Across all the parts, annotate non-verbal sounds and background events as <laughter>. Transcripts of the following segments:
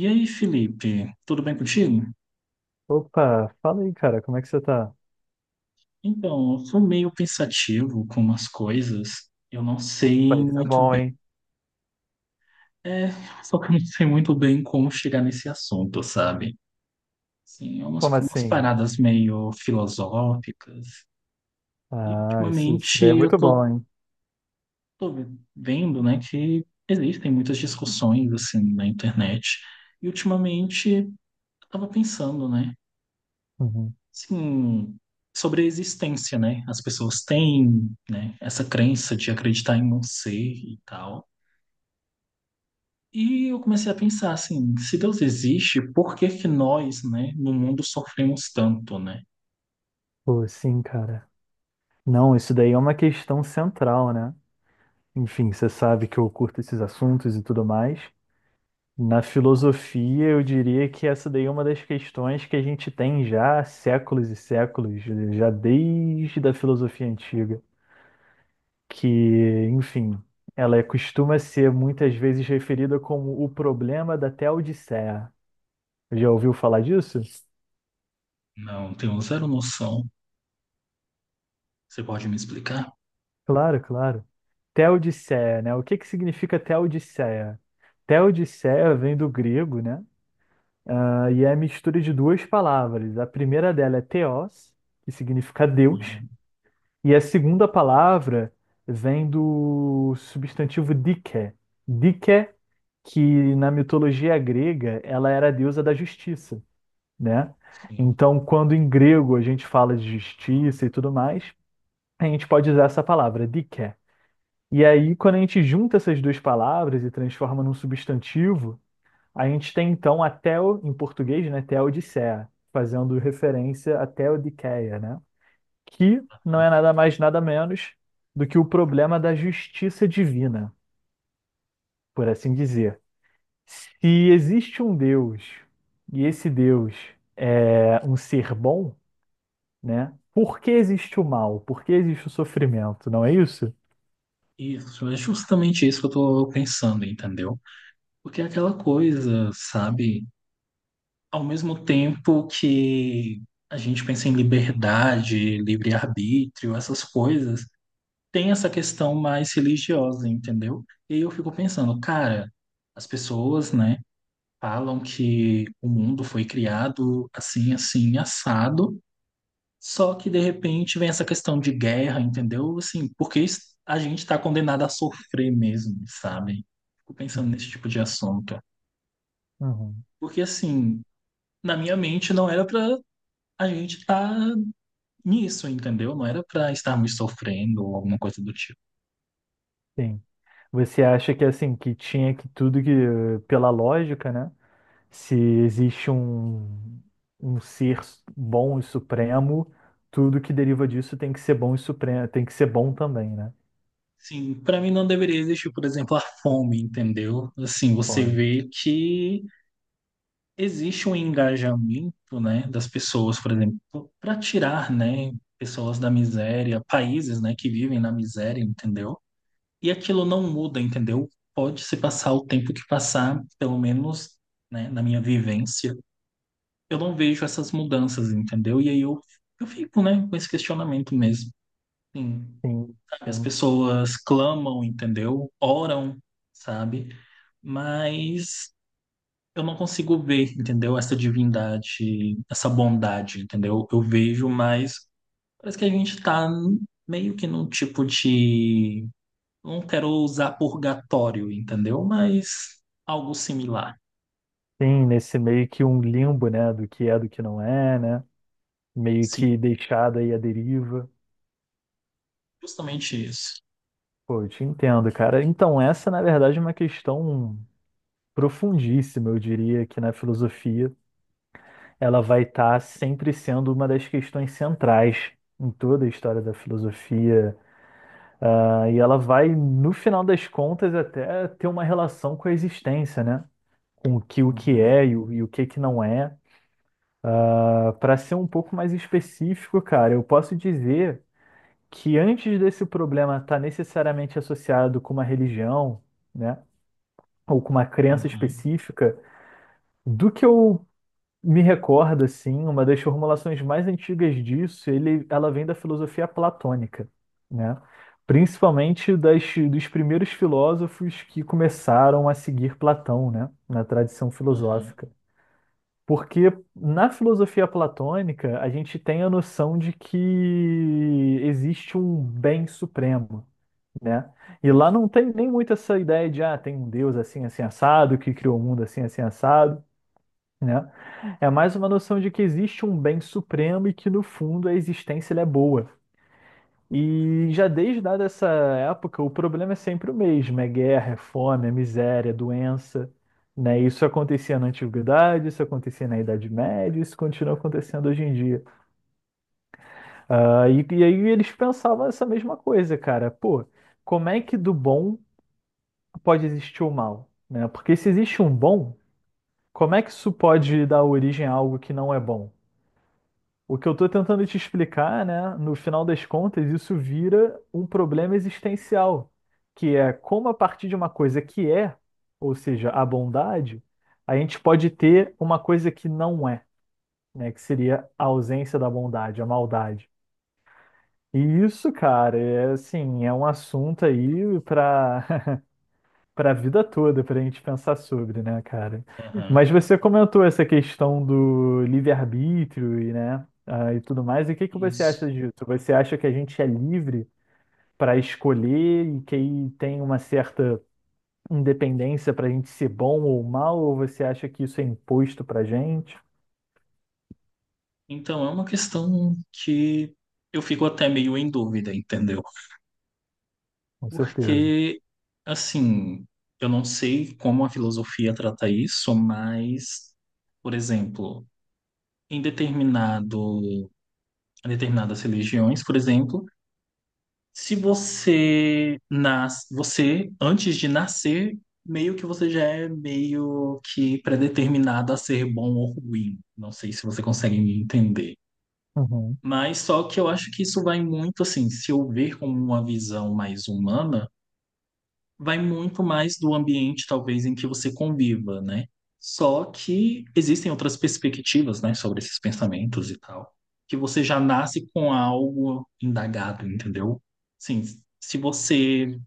E aí, Felipe, tudo bem contigo? Opa, fala aí, cara, como é que você tá? Então, eu fui meio pensativo com umas coisas. Eu não Pô, sei isso é muito bom, bem. hein? É, <laughs> só que eu não sei muito bem como chegar nesse assunto, sabe? Sim, umas, Como umas assim? paradas meio filosóficas. E Ah, isso ultimamente daí é eu muito bom, tô, hein? tô vendo, né, que existem muitas discussões assim na internet. E ultimamente eu tava pensando, né? Uhum. Sim, sobre a existência, né? As pessoas têm, né, essa crença de acreditar em um ser e tal. E eu comecei a pensar assim, se Deus existe, por que que nós, né, no mundo sofremos tanto, né? Pô, sim, cara. Não, isso daí é uma questão central, né? Enfim, você sabe que eu curto esses assuntos e tudo mais. Na filosofia, eu diria que essa daí é uma das questões que a gente tem já há séculos e séculos, já desde a filosofia antiga, que, enfim, costuma ser muitas vezes referida como o problema da Teodiceia. Já ouviu falar disso? Não, tenho zero noção. Você pode me explicar? Claro, claro. Teodiceia, né? O que que significa Teodiceia? Teodiceia vem do grego, né? Ah, e é a mistura de duas palavras. A primeira dela é theos, que significa Deus, Uhum, e a segunda palavra vem do substantivo dike. Dike, que na mitologia grega, ela era a deusa da justiça, né? sim. Então, quando em grego a gente fala de justiça e tudo mais, a gente pode usar essa palavra, dike. E aí, quando a gente junta essas duas palavras e transforma num substantivo, a gente tem então a Theo, em português, né, Theodiceia, fazendo referência à Theodiceia, né? Que não Uhum. é nada mais, nada menos do que o problema da justiça divina, por assim dizer. Se existe um Deus e esse Deus é um ser bom, né? Por que existe o mal? Por que existe o sofrimento? Não é isso? Isso, é justamente isso que eu tô pensando, entendeu? Porque é aquela coisa, sabe? Ao mesmo tempo que a gente pensa em liberdade, livre-arbítrio, essas coisas, tem essa questão mais religiosa, entendeu? E eu fico pensando, cara, as pessoas, né, falam que o mundo foi criado assim, assim, assado, só que de repente vem essa questão de guerra, entendeu? Assim, porque a gente está condenado a sofrer mesmo, sabe? Fico pensando Uhum. nesse tipo de assunto. Uhum. Porque assim, na minha mente não era para a gente estar nisso, entendeu? Não era para estarmos sofrendo ou alguma coisa do tipo. Sim. Você acha que assim, que tinha que tudo que, pela lógica, né? Se existe um ser bom e supremo, tudo que deriva disso tem que ser bom e supremo, tem que ser bom também, né? Sim, para mim não deveria existir, por exemplo, a fome, entendeu? Assim, você Bom. vê que existe um engajamento, né, das pessoas, por exemplo, para tirar, né, pessoas da miséria, países, né, que vivem na miséria, entendeu? E aquilo não muda, entendeu? Pode se passar o tempo que passar, pelo menos, né, na minha vivência, eu não vejo essas mudanças, entendeu? E aí eu fico, né, com esse questionamento mesmo. Sim. Sim, As sim. pessoas clamam, entendeu? Oram, sabe? Mas eu não consigo ver, entendeu? Essa divindade, essa bondade, entendeu? Eu vejo, mas parece que a gente tá meio que num tipo de. Não quero usar purgatório, entendeu? Mas algo similar. Sim, nesse meio que um limbo, né? Do que é, do que não é, né? Meio Sim, que deixado aí à deriva. justamente isso. Pô, eu te entendo, cara. Então, essa, na verdade, é uma questão profundíssima, eu diria. Aqui na filosofia ela vai estar sempre sendo uma das questões centrais em toda a história da filosofia, ah, e ela vai, no final das contas, até ter uma relação com a existência, né? Com o que Aham, é e o que que não é. Para ser um pouco mais específico, cara, eu posso dizer que antes desse problema estar necessariamente associado com uma religião, né? Ou com uma crença aham, específica, do que eu me recorda, sim, uma das formulações mais antigas disso, ela vem da filosofia platônica, né? Principalmente dos primeiros filósofos que começaram a seguir Platão, né? Na tradição aham, filosófica. Porque na filosofia platônica, a gente tem a noção de que existe um bem supremo, né? E lá não tem nem muito essa ideia de, ah, tem um Deus assim, assim, assado, que criou o mundo assim, assim, assado, né? É mais uma noção de que existe um bem supremo e que no fundo a existência ela é boa. E já desde dada essa época, o problema é sempre o mesmo: é guerra, é fome, é miséria, é doença, né? Isso acontecia na antiguidade, isso acontecia na Idade Média, isso continua acontecendo hoje em dia. E aí eles pensavam essa mesma coisa, cara. Pô, como é que do bom pode existir o mal, né? Porque se existe um bom, como é que isso pode dar origem a algo que não é bom? O que eu estou tentando te explicar, né? No final das contas, isso vira um problema existencial, que é como a partir de uma coisa que é, ou seja, a bondade, a gente pode ter uma coisa que não é, né? Que seria a ausência da bondade, a maldade. E isso, cara, é assim, é um assunto aí para a vida toda, para a gente pensar sobre, né, cara? aham. Mas você comentou essa questão do livre-arbítrio e tudo mais. E o que que você Isso. acha disso? Você acha que a gente é livre para escolher e que aí tem uma certa independência para a gente ser bom ou mal? Ou você acha que isso é imposto para a gente? Então é uma questão que eu fico até meio em dúvida, entendeu? Com certeza. Porque, assim, eu não sei como a filosofia trata isso, mas, por exemplo, em determinado, em determinadas religiões, por exemplo, se você nasce, você, antes de nascer, meio que você já é meio que predeterminado a ser bom ou ruim. Não sei se você consegue me entender. Uhum. Mas só que eu acho que isso vai muito assim, se eu ver como uma visão mais humana. Vai muito mais do ambiente, talvez, em que você conviva, né? Só que existem outras perspectivas, né, sobre esses pensamentos e tal, que você já nasce com algo indagado, entendeu? Sim, se você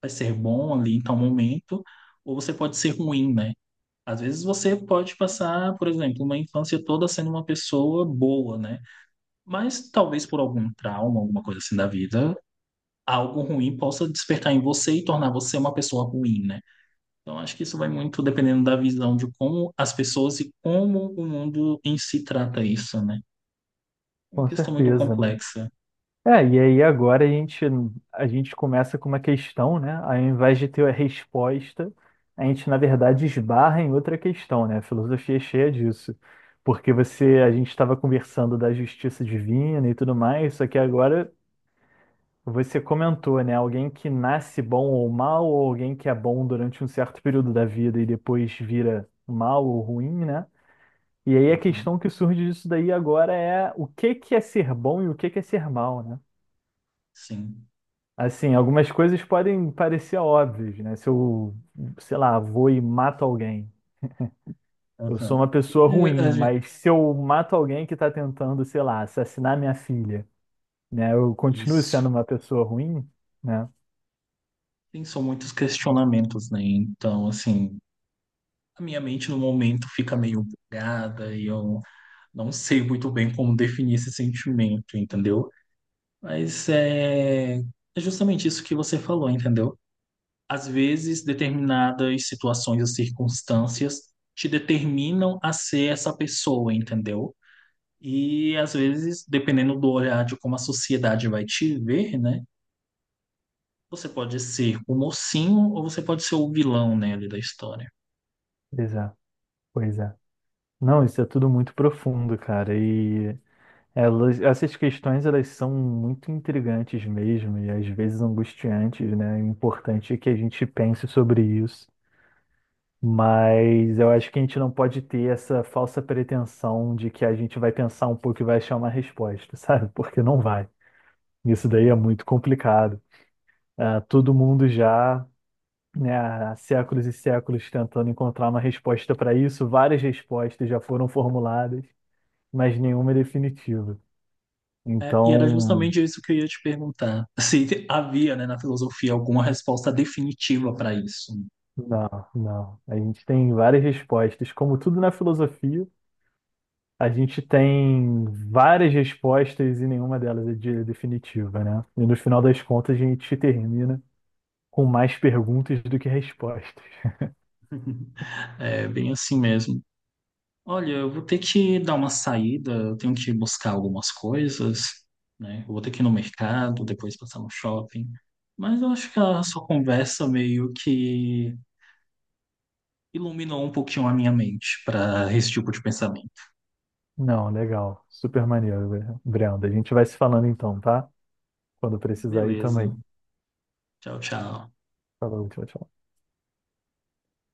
vai ser bom ali em tal momento, ou você pode ser ruim, né? Às vezes você pode passar, por exemplo, uma infância toda sendo uma pessoa boa, né? Mas talvez por algum trauma, alguma coisa assim da vida, algo ruim possa despertar em você e tornar você uma pessoa ruim, né? Então, acho que isso vai muito dependendo da visão de como as pessoas e como o mundo em si trata isso, né? É uma Com questão muito certeza, né? complexa. É, e aí agora a gente começa com uma questão, né? Ao invés de ter a resposta, a gente, na verdade, esbarra em outra questão, né? A filosofia é cheia disso. Porque a gente estava conversando da justiça divina e tudo mais, só que agora você comentou, né? Alguém que nasce bom ou mal, ou alguém que é bom durante um certo período da vida e depois vira mal ou ruim, né? E aí a Aham, questão que surge disso daí agora é o que que é ser bom e o que que é ser mal, né? sim. Assim, algumas coisas podem parecer óbvias, né? Se eu, sei lá, vou e mato alguém, eu sou Aham. uma pessoa ruim, mas se eu mato alguém que está tentando, sei lá, assassinar minha filha, né? Eu continuo Isso. sendo uma pessoa ruim, né? Tem são muitos questionamentos, né? Então, assim, a minha mente no momento fica meio bugada e eu não sei muito bem como definir esse sentimento, entendeu? Mas é justamente isso que você falou, entendeu? Às vezes, determinadas situações ou circunstâncias te determinam a ser essa pessoa, entendeu? E às vezes, dependendo do olhar de como a sociedade vai te ver, né? Você pode ser o mocinho ou você pode ser o vilão, né, ali da história. Pois é, pois é. Não, isso é tudo muito profundo, cara. E essas questões, elas são muito intrigantes mesmo, e às vezes angustiantes, né? O importante é que a gente pense sobre isso. Mas eu acho que a gente não pode ter essa falsa pretensão de que a gente vai pensar um pouco e vai achar uma resposta, <laughs> sabe? Porque não vai. Isso daí é muito complicado. Todo mundo já, né, há séculos e séculos tentando encontrar uma resposta para isso, várias respostas já foram formuladas, mas nenhuma é definitiva. É, e era Então, justamente isso que eu ia te perguntar. <laughs> Se havia, né, na filosofia alguma resposta definitiva para isso. não, não. A gente tem várias respostas, como tudo na filosofia. A gente tem várias respostas e nenhuma delas é definitiva, né? E no final das contas a gente termina com mais perguntas do que respostas. É bem assim mesmo. Olha, eu vou ter que dar uma saída, eu tenho que buscar algumas coisas, né? Eu vou ter que ir no mercado, depois passar no shopping. Mas eu acho que a sua conversa meio que iluminou um pouquinho a minha mente para esse tipo de pensamento. Não, legal. Super maneiro, Brenda. A gente vai se falando então, tá? Quando precisar aí Beleza. também. Tchau, tchau. Falou, tchau, tchau.